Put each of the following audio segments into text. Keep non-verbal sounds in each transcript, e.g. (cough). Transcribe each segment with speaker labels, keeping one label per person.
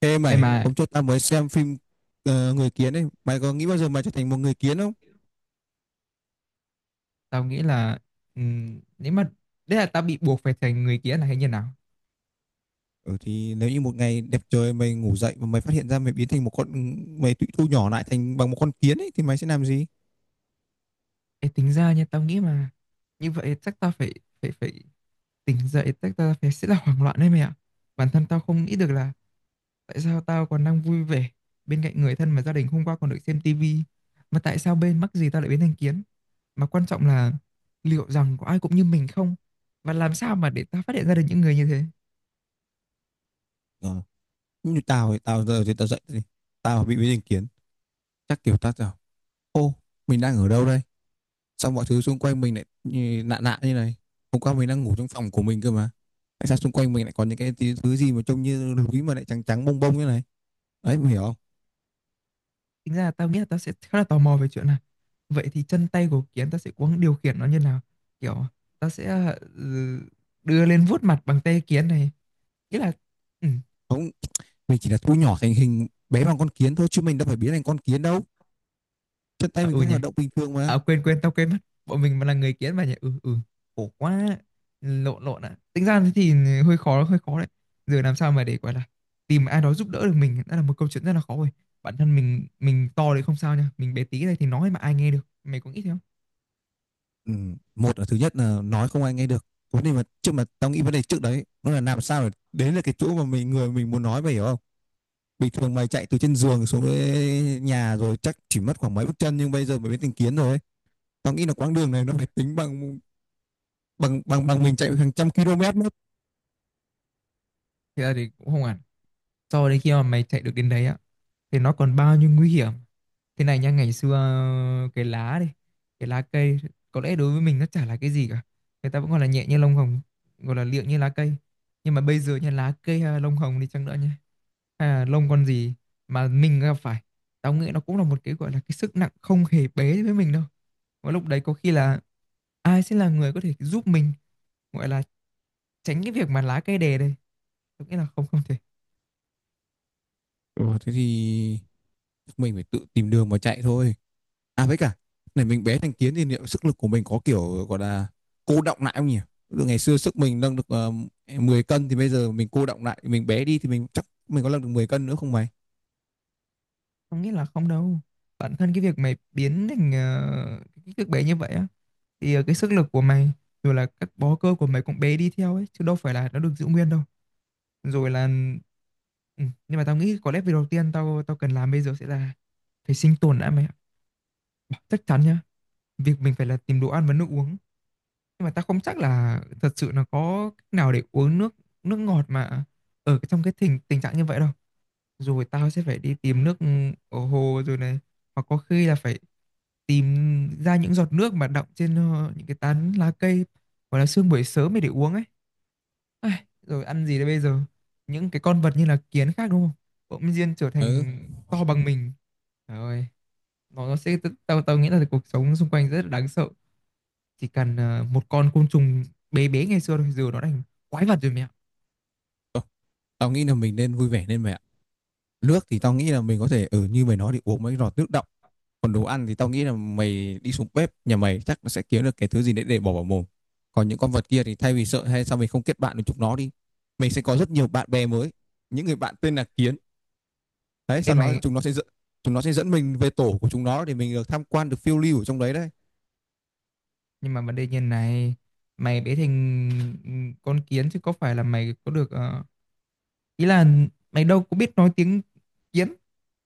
Speaker 1: Ê
Speaker 2: Em
Speaker 1: mày,
Speaker 2: mà.
Speaker 1: hôm trước tao mới xem phim Người Kiến ấy, mày có nghĩ bao giờ mày trở thành một người kiến không?
Speaker 2: Tao nghĩ là nếu mà đấy là tao bị buộc phải thành người kia là hay như nào?
Speaker 1: Ừ thì nếu như một ngày đẹp trời mày ngủ dậy và mày phát hiện ra mày biến thành một con mày tụi thu nhỏ lại thành bằng một con kiến ấy thì mày sẽ làm gì?
Speaker 2: Ê, tính ra nha, tao nghĩ mà như vậy chắc tao phải phải phải tỉnh dậy, chắc tao phải sẽ là hoảng loạn đấy mày ạ. Bản thân tao không nghĩ được là tại sao tao còn đang vui vẻ bên cạnh người thân mà gia đình hôm qua còn được xem tivi, mà tại sao bên mắc gì tao lại biến thành kiến? Mà quan trọng là liệu rằng có ai cũng như mình không? Và làm sao mà để tao phát hiện ra được những người như thế?
Speaker 1: Ờ, như tao thì tao giờ thì tao dậy thì tao bị biến thành kiến, chắc kiểu tao bảo ô mình đang ở đâu đây? Xong mọi thứ xung quanh mình lại lạ lạ như này. Hôm qua mình đang ngủ trong phòng của mình cơ mà. Tại sao xung quanh mình lại có những cái thứ gì mà trông như núi mà lại trắng trắng bông bông như này? Đấy mày hiểu không?
Speaker 2: Tính ra là tao nghĩ là tao sẽ khá là tò mò về chuyện này, vậy thì chân tay của kiến tao sẽ có điều khiển nó như nào, kiểu tao sẽ đưa lên vuốt mặt bằng tay kiến này, nghĩa là ừ,
Speaker 1: Không, mình chỉ là thu nhỏ thành hình bé bằng con kiến thôi chứ mình đâu phải biến thành con kiến đâu, chân tay
Speaker 2: à,
Speaker 1: mình
Speaker 2: ừ
Speaker 1: vẫn
Speaker 2: nhỉ.
Speaker 1: hoạt động bình thường mà.
Speaker 2: À, quên quên tao quên mất, bọn mình mà là người kiến mà nhỉ. Ừ Khổ quá, lộn lộn ạ. Tính ra thì hơi khó, hơi khó đấy, giờ làm sao mà để gọi là tìm ai đó giúp đỡ được mình đã là một câu chuyện rất là khó rồi. Bản thân mình to thì không sao nha, mình bé tí này thì nói mà ai nghe được, mày có nghĩ thế không?
Speaker 1: Ừ. Một là thứ nhất là nói không ai nghe được, vấn đề mà trước mà tao nghĩ vấn đề trước đấy nó là làm sao để đến là cái chỗ mà mình người mình muốn nói, mày hiểu không? Bình thường mày chạy từ trên giường xuống tới nhà rồi chắc chỉ mất khoảng mấy bước chân, nhưng bây giờ mày biến thành kiến rồi ấy. Tao nghĩ là quãng đường này nó phải tính bằng bằng mình chạy hàng trăm km mất.
Speaker 2: Thì là thì cũng không hẳn. Sau đấy khi mà mày chạy được đến đấy á thì nó còn bao nhiêu nguy hiểm. Thế này nha, ngày xưa cái lá cây có lẽ đối với mình nó chả là cái gì cả. Người ta vẫn gọi là nhẹ như lông hồng, gọi là liệng như lá cây. Nhưng mà bây giờ nha, lá cây hay là lông hồng đi chăng nữa nha, hay là lông con gì mà mình gặp phải, tao nghĩ nó cũng là một cái gọi là cái sức nặng không hề bé với mình đâu. Và lúc đấy có khi là ai sẽ là người có thể giúp mình gọi là tránh cái việc mà lá cây đè đây. Tôi nghĩ là không, không thể.
Speaker 1: Ừ, thế thì mình phải tự tìm đường mà chạy thôi. À với cả này, mình bé thành kiến thì liệu sức lực của mình có kiểu gọi là cô đọng lại không nhỉ? Từ ngày xưa sức mình nâng được 10 cân thì bây giờ mình cô đọng lại, mình bé đi thì mình chắc mình có nâng được 10 cân nữa không mày?
Speaker 2: Không nghĩ là không đâu. Bản thân cái việc mày biến thành cái kích thước bé như vậy á, thì cái sức lực của mày rồi là các bó cơ của mày cũng bé đi theo ấy, chứ đâu phải là nó được giữ nguyên đâu. Rồi là ừ. Nhưng mà tao nghĩ có lẽ việc đầu tiên tao tao cần làm bây giờ sẽ là phải sinh tồn đã mày ạ. Chắc chắn nhá. Việc mình phải là tìm đồ ăn và nước uống. Nhưng mà tao không chắc là thật sự là có cách nào để uống nước nước ngọt mà ở trong cái tình tình trạng như vậy đâu. Rồi tao sẽ phải đi tìm nước, ở hồ rồi này, hoặc có khi là phải tìm ra những giọt nước mà đọng trên những cái tán lá cây, hoặc là sương buổi sớm để uống ấy. Ai, rồi ăn gì đây bây giờ, những cái con vật như là kiến khác đúng không, bỗng nhiên trở
Speaker 1: Ừ.
Speaker 2: thành to bằng mình, trời ơi, nó sẽ tao tao nghĩ là cuộc sống xung quanh rất là đáng sợ, chỉ cần một con côn trùng bé bé ngày xưa thôi, giờ nó thành quái vật rồi mẹ.
Speaker 1: Ờ, tao nghĩ là mình nên vui vẻ lên mày ạ. Nước thì tao nghĩ là mình có thể ở như mày nói thì uống mấy giọt nước đọng. Còn đồ ăn thì tao nghĩ là mày đi xuống bếp nhà mày chắc nó sẽ kiếm được cái thứ gì đấy để bỏ vào mồm. Còn những con vật kia thì thay vì sợ hay sao mình không kết bạn với chúng nó đi. Mình sẽ có rất nhiều bạn bè mới. Những người bạn tên là kiến đấy, sau
Speaker 2: Em
Speaker 1: đó
Speaker 2: mày,
Speaker 1: chúng nó sẽ dẫn chúng nó sẽ dẫn mình về tổ của chúng nó để mình được tham quan, được phiêu lưu ở trong đấy đấy.
Speaker 2: nhưng mà vấn đề như này, mày bé thành con kiến chứ có phải là mày có được ý là mày đâu có biết nói tiếng kiến,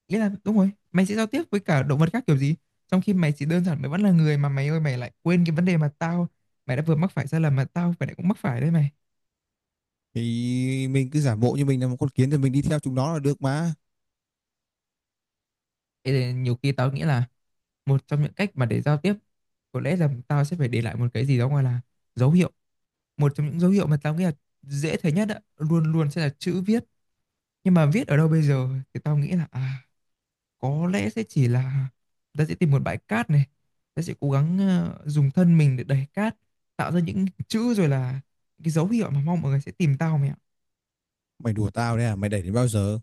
Speaker 2: ý là đúng rồi mày sẽ giao tiếp với cả động vật khác kiểu gì, trong khi mày chỉ đơn giản mày vẫn là người mà, mày ơi mày lại quên cái vấn đề mà tao, mày đã vừa mắc phải sai lầm mà tao phải lại cũng mắc phải đấy mày.
Speaker 1: Thì mình cứ giả bộ như mình là một con kiến thì mình đi theo chúng nó là được mà.
Speaker 2: Thế nên nhiều khi tao nghĩ là một trong những cách mà để giao tiếp có lẽ là tao sẽ phải để lại một cái gì đó gọi là dấu hiệu, một trong những dấu hiệu mà tao nghĩ là dễ thấy nhất á, luôn luôn sẽ là chữ viết. Nhưng mà viết ở đâu bây giờ thì tao nghĩ là có lẽ sẽ chỉ là ta sẽ tìm một bãi cát này, ta sẽ cố gắng dùng thân mình để đẩy cát, tạo ra những chữ rồi là cái dấu hiệu mà mong mọi người sẽ tìm tao mày ạ.
Speaker 1: Mày đùa tao đấy à, mày đẩy đến bao giờ?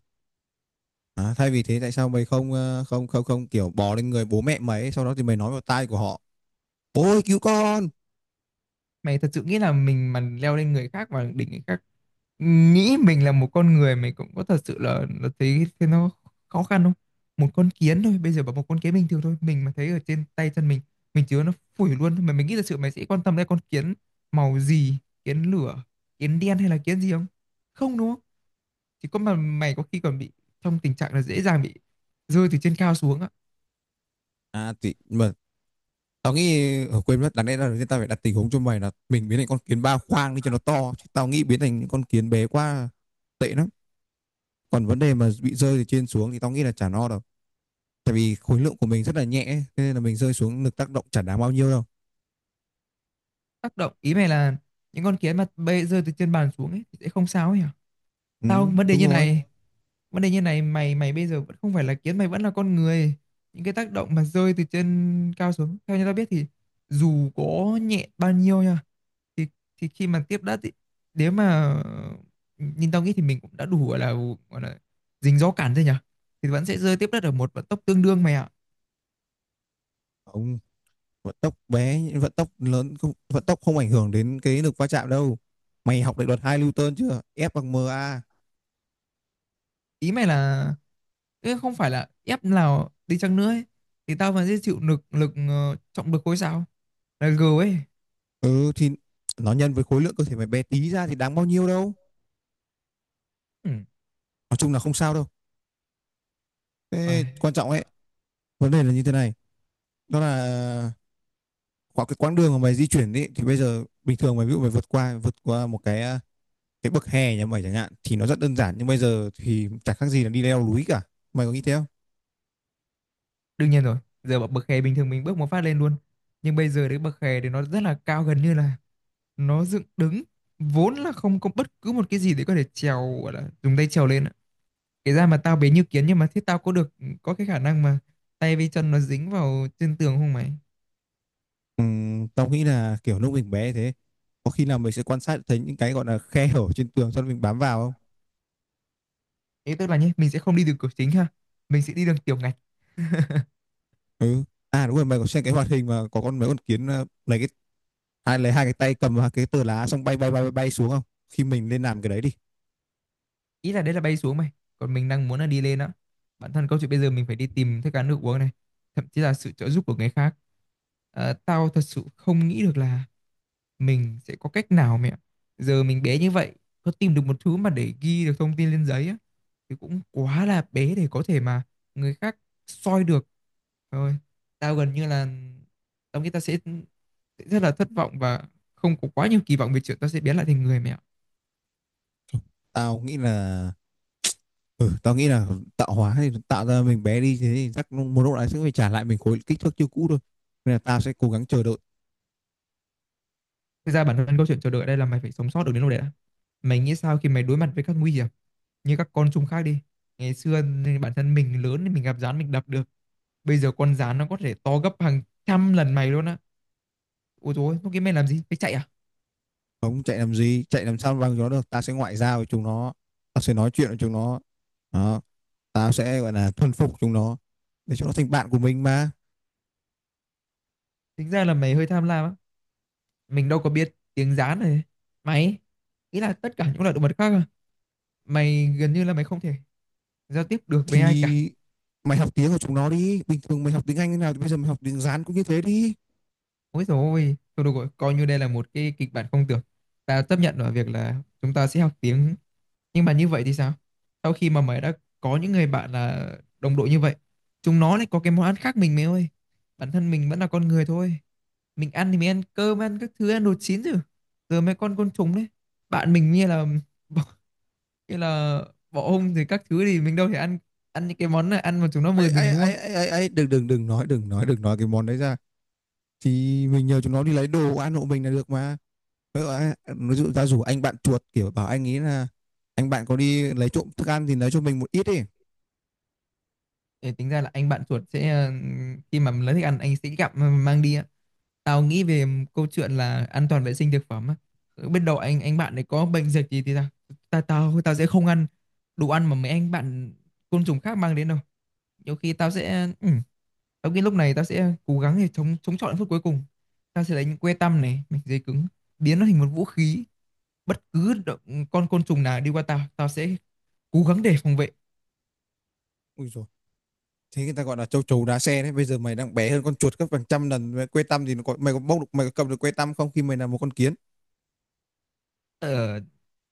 Speaker 1: À, thay vì thế tại sao mày không không kiểu bò lên người bố mẹ mày ấy, sau đó thì mày nói vào tai của họ, ôi cứu con.
Speaker 2: Mày thật sự nghĩ là mình mà leo lên người khác và đỉnh người khác, nghĩ mình là một con người, mình cũng có thật sự là, thấy thế nó khó khăn không? Một con kiến thôi, bây giờ bảo một con kiến bình thường thôi, mình mà thấy ở trên tay chân mình chứa nó phủi luôn. Mà mình nghĩ thật sự mày sẽ quan tâm đến con kiến màu gì, kiến lửa, kiến đen hay là kiến gì không? Không đúng không? Chỉ có mà mày có khi còn bị trong tình trạng là dễ dàng bị rơi từ trên cao xuống á.
Speaker 1: À thì mà tao nghĩ ở quên mất, đáng lẽ là người ta phải đặt tình huống cho mày là mình biến thành con kiến ba khoang đi cho nó to, chứ tao nghĩ biến thành những con kiến bé quá tệ lắm. Còn vấn đề mà bị rơi từ trên xuống thì tao nghĩ là chả no đâu, tại vì khối lượng của mình rất là nhẹ, nên là mình rơi xuống lực tác động chẳng đáng bao nhiêu đâu.
Speaker 2: Tác động ý mày là những con kiến mà bay rơi từ trên bàn xuống ấy thì sẽ không sao ấy hả? Tao
Speaker 1: Ừ,
Speaker 2: vấn đề
Speaker 1: đúng
Speaker 2: như
Speaker 1: rồi.
Speaker 2: này, vấn đề như này mày mày bây giờ vẫn không phải là kiến, mày vẫn là con người. Những cái tác động mà rơi từ trên cao xuống, theo như tao biết thì dù có nhẹ bao nhiêu nha, thì thì khi mà tiếp đất thì nếu mà nhìn tao nghĩ thì mình cũng đã đủ gọi là dính gió cản rồi nhỉ, thì vẫn sẽ rơi tiếp đất ở một vận tốc tương đương mày ạ.
Speaker 1: Ông vận tốc bé vận tốc lớn không, vận tốc không ảnh hưởng đến cái lực va chạm đâu. Mày học định luật 2 Newton chưa, F bằng ma.
Speaker 2: Ý mày là Ê, không phải là ép nào đi chăng nữa ấy, thì tao vẫn sẽ chịu lực lực trọng lực khối sao là G ấy.
Speaker 1: Ừ thì nó nhân với khối lượng cơ thể mày bé tí ra thì đáng bao nhiêu đâu.
Speaker 2: Ừ.
Speaker 1: Nói chung là không sao đâu. Thế
Speaker 2: Ai.
Speaker 1: quan trọng ấy, vấn đề là như thế này, đó là khoảng cái quãng đường mà mày di chuyển ấy, thì bây giờ bình thường mày ví dụ mày vượt qua một cái cái bậc hè nhà mày chẳng hạn thì nó rất đơn giản, nhưng bây giờ thì chẳng khác gì là đi leo núi cả. Mày có nghĩ thế không?
Speaker 2: Đương nhiên rồi, giờ bậc bậc hè bình thường mình bước một phát lên luôn. Nhưng bây giờ đến bậc hè thì nó rất là cao, gần như là nó dựng đứng. Vốn là không có bất cứ một cái gì để có thể trèo, gọi là dùng tay trèo lên ạ. Kể ra mà tao bé như kiến nhưng mà thế tao có cái khả năng mà tay với chân nó dính vào trên tường không mày?
Speaker 1: Tao nghĩ là kiểu lúc mình bé thế có khi nào mình sẽ quan sát thấy những cái gọi là khe hở trên tường cho nên mình bám vào không?
Speaker 2: Thế tức là nhé, mình sẽ không đi đường cửa chính ha. Mình sẽ đi đường tiểu ngạch.
Speaker 1: Ừ. À đúng rồi, mày có xem cái hoạt hình mà có con mấy con kiến lấy cái hai cái tay cầm vào cái tờ lá xong bay bay bay bay, bay xuống không? Khi mình lên làm cái đấy đi.
Speaker 2: Ý là đấy là bay xuống mày, còn mình đang muốn là đi lên á, bản thân câu chuyện bây giờ mình phải đi tìm thức ăn nước uống này, thậm chí là sự trợ giúp của người khác. Ờ, tao thật sự không nghĩ được là mình sẽ có cách nào mẹ, giờ mình bé như vậy, có tìm được một thứ mà để ghi được thông tin lên giấy á thì cũng quá là bé để có thể mà người khác soi được. Rồi tao gần như là tao nghĩ tao sẽ rất là thất vọng và không có quá nhiều kỳ vọng về chuyện tao sẽ biến lại thành người mẹ.
Speaker 1: Tao nghĩ là ừ tao nghĩ là tạo hóa thì tạo ra mình bé đi thế thì chắc một lúc đấy sẽ phải trả lại mình khối kích thước chưa cũ thôi, nên là tao sẽ cố gắng chờ đợi.
Speaker 2: Thực ra bản thân câu chuyện chờ đợi ở đây là mày phải sống sót được đến lúc đấy đã. Mày nghĩ sao khi mày đối mặt với các nguy hiểm như các con trùng khác đi. Ngày xưa nên bản thân mình lớn thì mình gặp gián mình đập được. Bây giờ con gián nó có thể to gấp hàng trăm lần mày luôn á. Ôi dồi, ôi, lúc kia mày làm gì? Mày chạy à?
Speaker 1: Không chạy làm gì, chạy làm sao bằng nó được, ta sẽ ngoại giao với chúng nó. Ta sẽ nói chuyện với chúng nó. Đó, ta sẽ gọi là thuần phục chúng nó, để chúng nó thành bạn của mình mà.
Speaker 2: Tính ra là mày hơi tham lam á. Mình đâu có biết tiếng gián này. Mày, ý là tất cả những loại động vật khác à? Mày gần như là mày không thể giao tiếp được với ai cả.
Speaker 1: Thì mày học tiếng của chúng nó đi, bình thường mày học tiếng Anh thế nào thì bây giờ mày học tiếng Hán cũng như thế đi.
Speaker 2: Ôi dồi ôi, thôi được rồi, coi như đây là một cái kịch bản không tưởng. Ta chấp nhận ở việc là chúng ta sẽ học tiếng. Nhưng mà như vậy thì sao? Sau khi mà mày đã có những người bạn là đồng đội như vậy, chúng nó lại có cái món ăn khác mình mày ơi. Bản thân mình vẫn là con người thôi. Mình ăn thì mình ăn cơm, ăn các thứ, ăn đồ chín rồi. Giờ mấy con côn trùng đấy. Bạn mình như là (laughs) bọ- như là bọ hung rồi các thứ thì mình đâu thể ăn ăn những cái món này, ăn mà chúng nó
Speaker 1: ấy
Speaker 2: mời mình
Speaker 1: ấy
Speaker 2: đúng không?
Speaker 1: ấy ấy ấy, ấy. Đừng đừng đừng nói đừng nói đừng nói cái món đấy ra. Thì mình nhờ chúng nó đi lấy đồ ăn hộ mình là được mà. Ví dụ ta rủ anh bạn chuột kiểu bảo anh ấy là anh bạn có đi lấy trộm thức ăn thì lấy cho mình một ít đi.
Speaker 2: Để tính ra là anh bạn chuột sẽ khi mà lấy thức ăn anh sẽ gặm mà mang đi á. Tao nghĩ về câu chuyện là an toàn vệ sinh thực phẩm á. Biết đâu anh bạn này có bệnh dịch gì thì tao sẽ không ăn đồ ăn mà mấy anh bạn côn trùng khác mang đến đâu. Nhiều khi tao sẽ tao nghĩ lúc này tao sẽ cố gắng để chống chống chọi đến phút cuối cùng. Tao sẽ lấy những que tăm này, mảnh giấy cứng, biến nó thành một vũ khí. Bất cứ con côn trùng nào đi qua tao, tao sẽ cố gắng để phòng vệ.
Speaker 1: Ui dồi, thế người ta gọi là châu chấu đá xe đấy, bây giờ mày đang bé hơn con chuột gấp hàng trăm lần, quê tăm thì nó có, mày có bốc được, mày có cầm được quê tăm không khi mày là một con kiến?
Speaker 2: Ờ,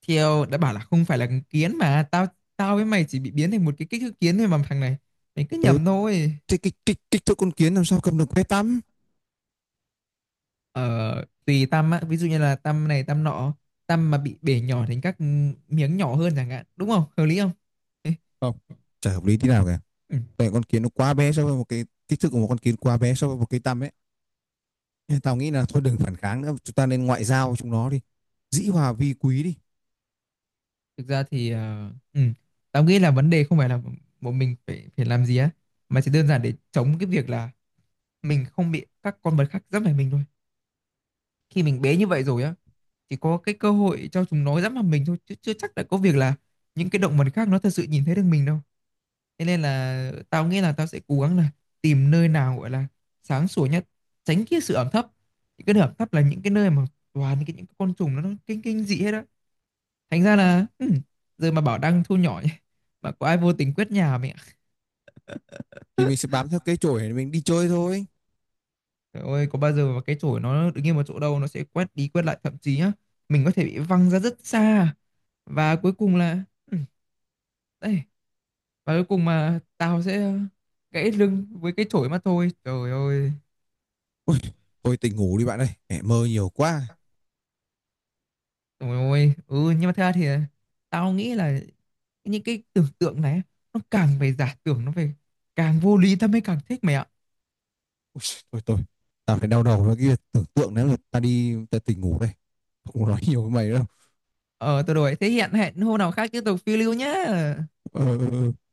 Speaker 2: theo đã bảo là không phải là kiến mà tao tao với mày chỉ bị biến thành một cái kích thước kiến thôi mà thằng này. Mày cứ
Speaker 1: Ừ,
Speaker 2: nhầm thôi.
Speaker 1: thế kích kích kích thước con kiến làm sao cầm được quê tăm?
Speaker 2: Ờ, tùy tăm á, ví dụ như là tăm này tăm nọ, tăm mà bị bể nhỏ thành các miếng nhỏ hơn chẳng hạn, đúng không, hợp lý không? Ê,
Speaker 1: Không, chả hợp lý tí nào cả.
Speaker 2: ừ.
Speaker 1: Tại con kiến nó quá bé so với một cái kích thước của một con kiến quá bé so với một cái tăm ấy, nên tao nghĩ là thôi đừng phản kháng nữa, chúng ta nên ngoại giao với chúng nó đi, dĩ hòa vi quý đi.
Speaker 2: Thực ra thì tao nghĩ là vấn đề không phải là bọn mình phải phải làm gì á, mà chỉ đơn giản để chống cái việc là mình không bị các con vật khác dẫm phải mình thôi. Khi mình bé như vậy rồi á, chỉ có cái cơ hội cho chúng nó dẫm vào mình thôi, chứ chưa chắc đã có việc là những cái động vật khác nó thật sự nhìn thấy được mình đâu. Thế nên là tao nghĩ là tao sẽ cố gắng là tìm nơi nào gọi là sáng sủa nhất, tránh cái sự ẩm thấp. Những cái nơi ẩm thấp là những cái nơi mà toàn cái những cái con trùng nó kinh kinh dị hết á. Thành ra là giờ mà bảo đang thu nhỏ nhỉ, mà có ai vô tình quét nhà mẹ.
Speaker 1: Thì mình sẽ bám theo cái chổi để mình đi chơi thôi.
Speaker 2: Trời ơi, có bao giờ mà cái chổi nó đứng yên một chỗ đâu, nó sẽ quét đi quét lại, thậm chí á, mình có thể bị văng ra rất xa. Và cuối cùng là ừ, đây, và cuối cùng mà tao sẽ gãy lưng với cái chổi mà thôi. Trời ơi.
Speaker 1: Ôi, thôi tỉnh ngủ đi bạn ơi, mẹ mơ nhiều quá.
Speaker 2: Ôi ôi, ừ nhưng mà thật ra thì tao nghĩ là những cái tưởng tượng này, nó càng về giả tưởng, nó về càng vô lý tao mới càng thích mày ạ.
Speaker 1: Thôi thôi tao phải đau đầu với cái tưởng tượng, nếu người ta đi ta tỉnh ngủ đây, không có nói nhiều với mày đâu.
Speaker 2: Ờ tao đổi thế, hiện hẹn hôm nào khác tiếp tục phiêu lưu nhá.
Speaker 1: Ờ, ờ, ờ.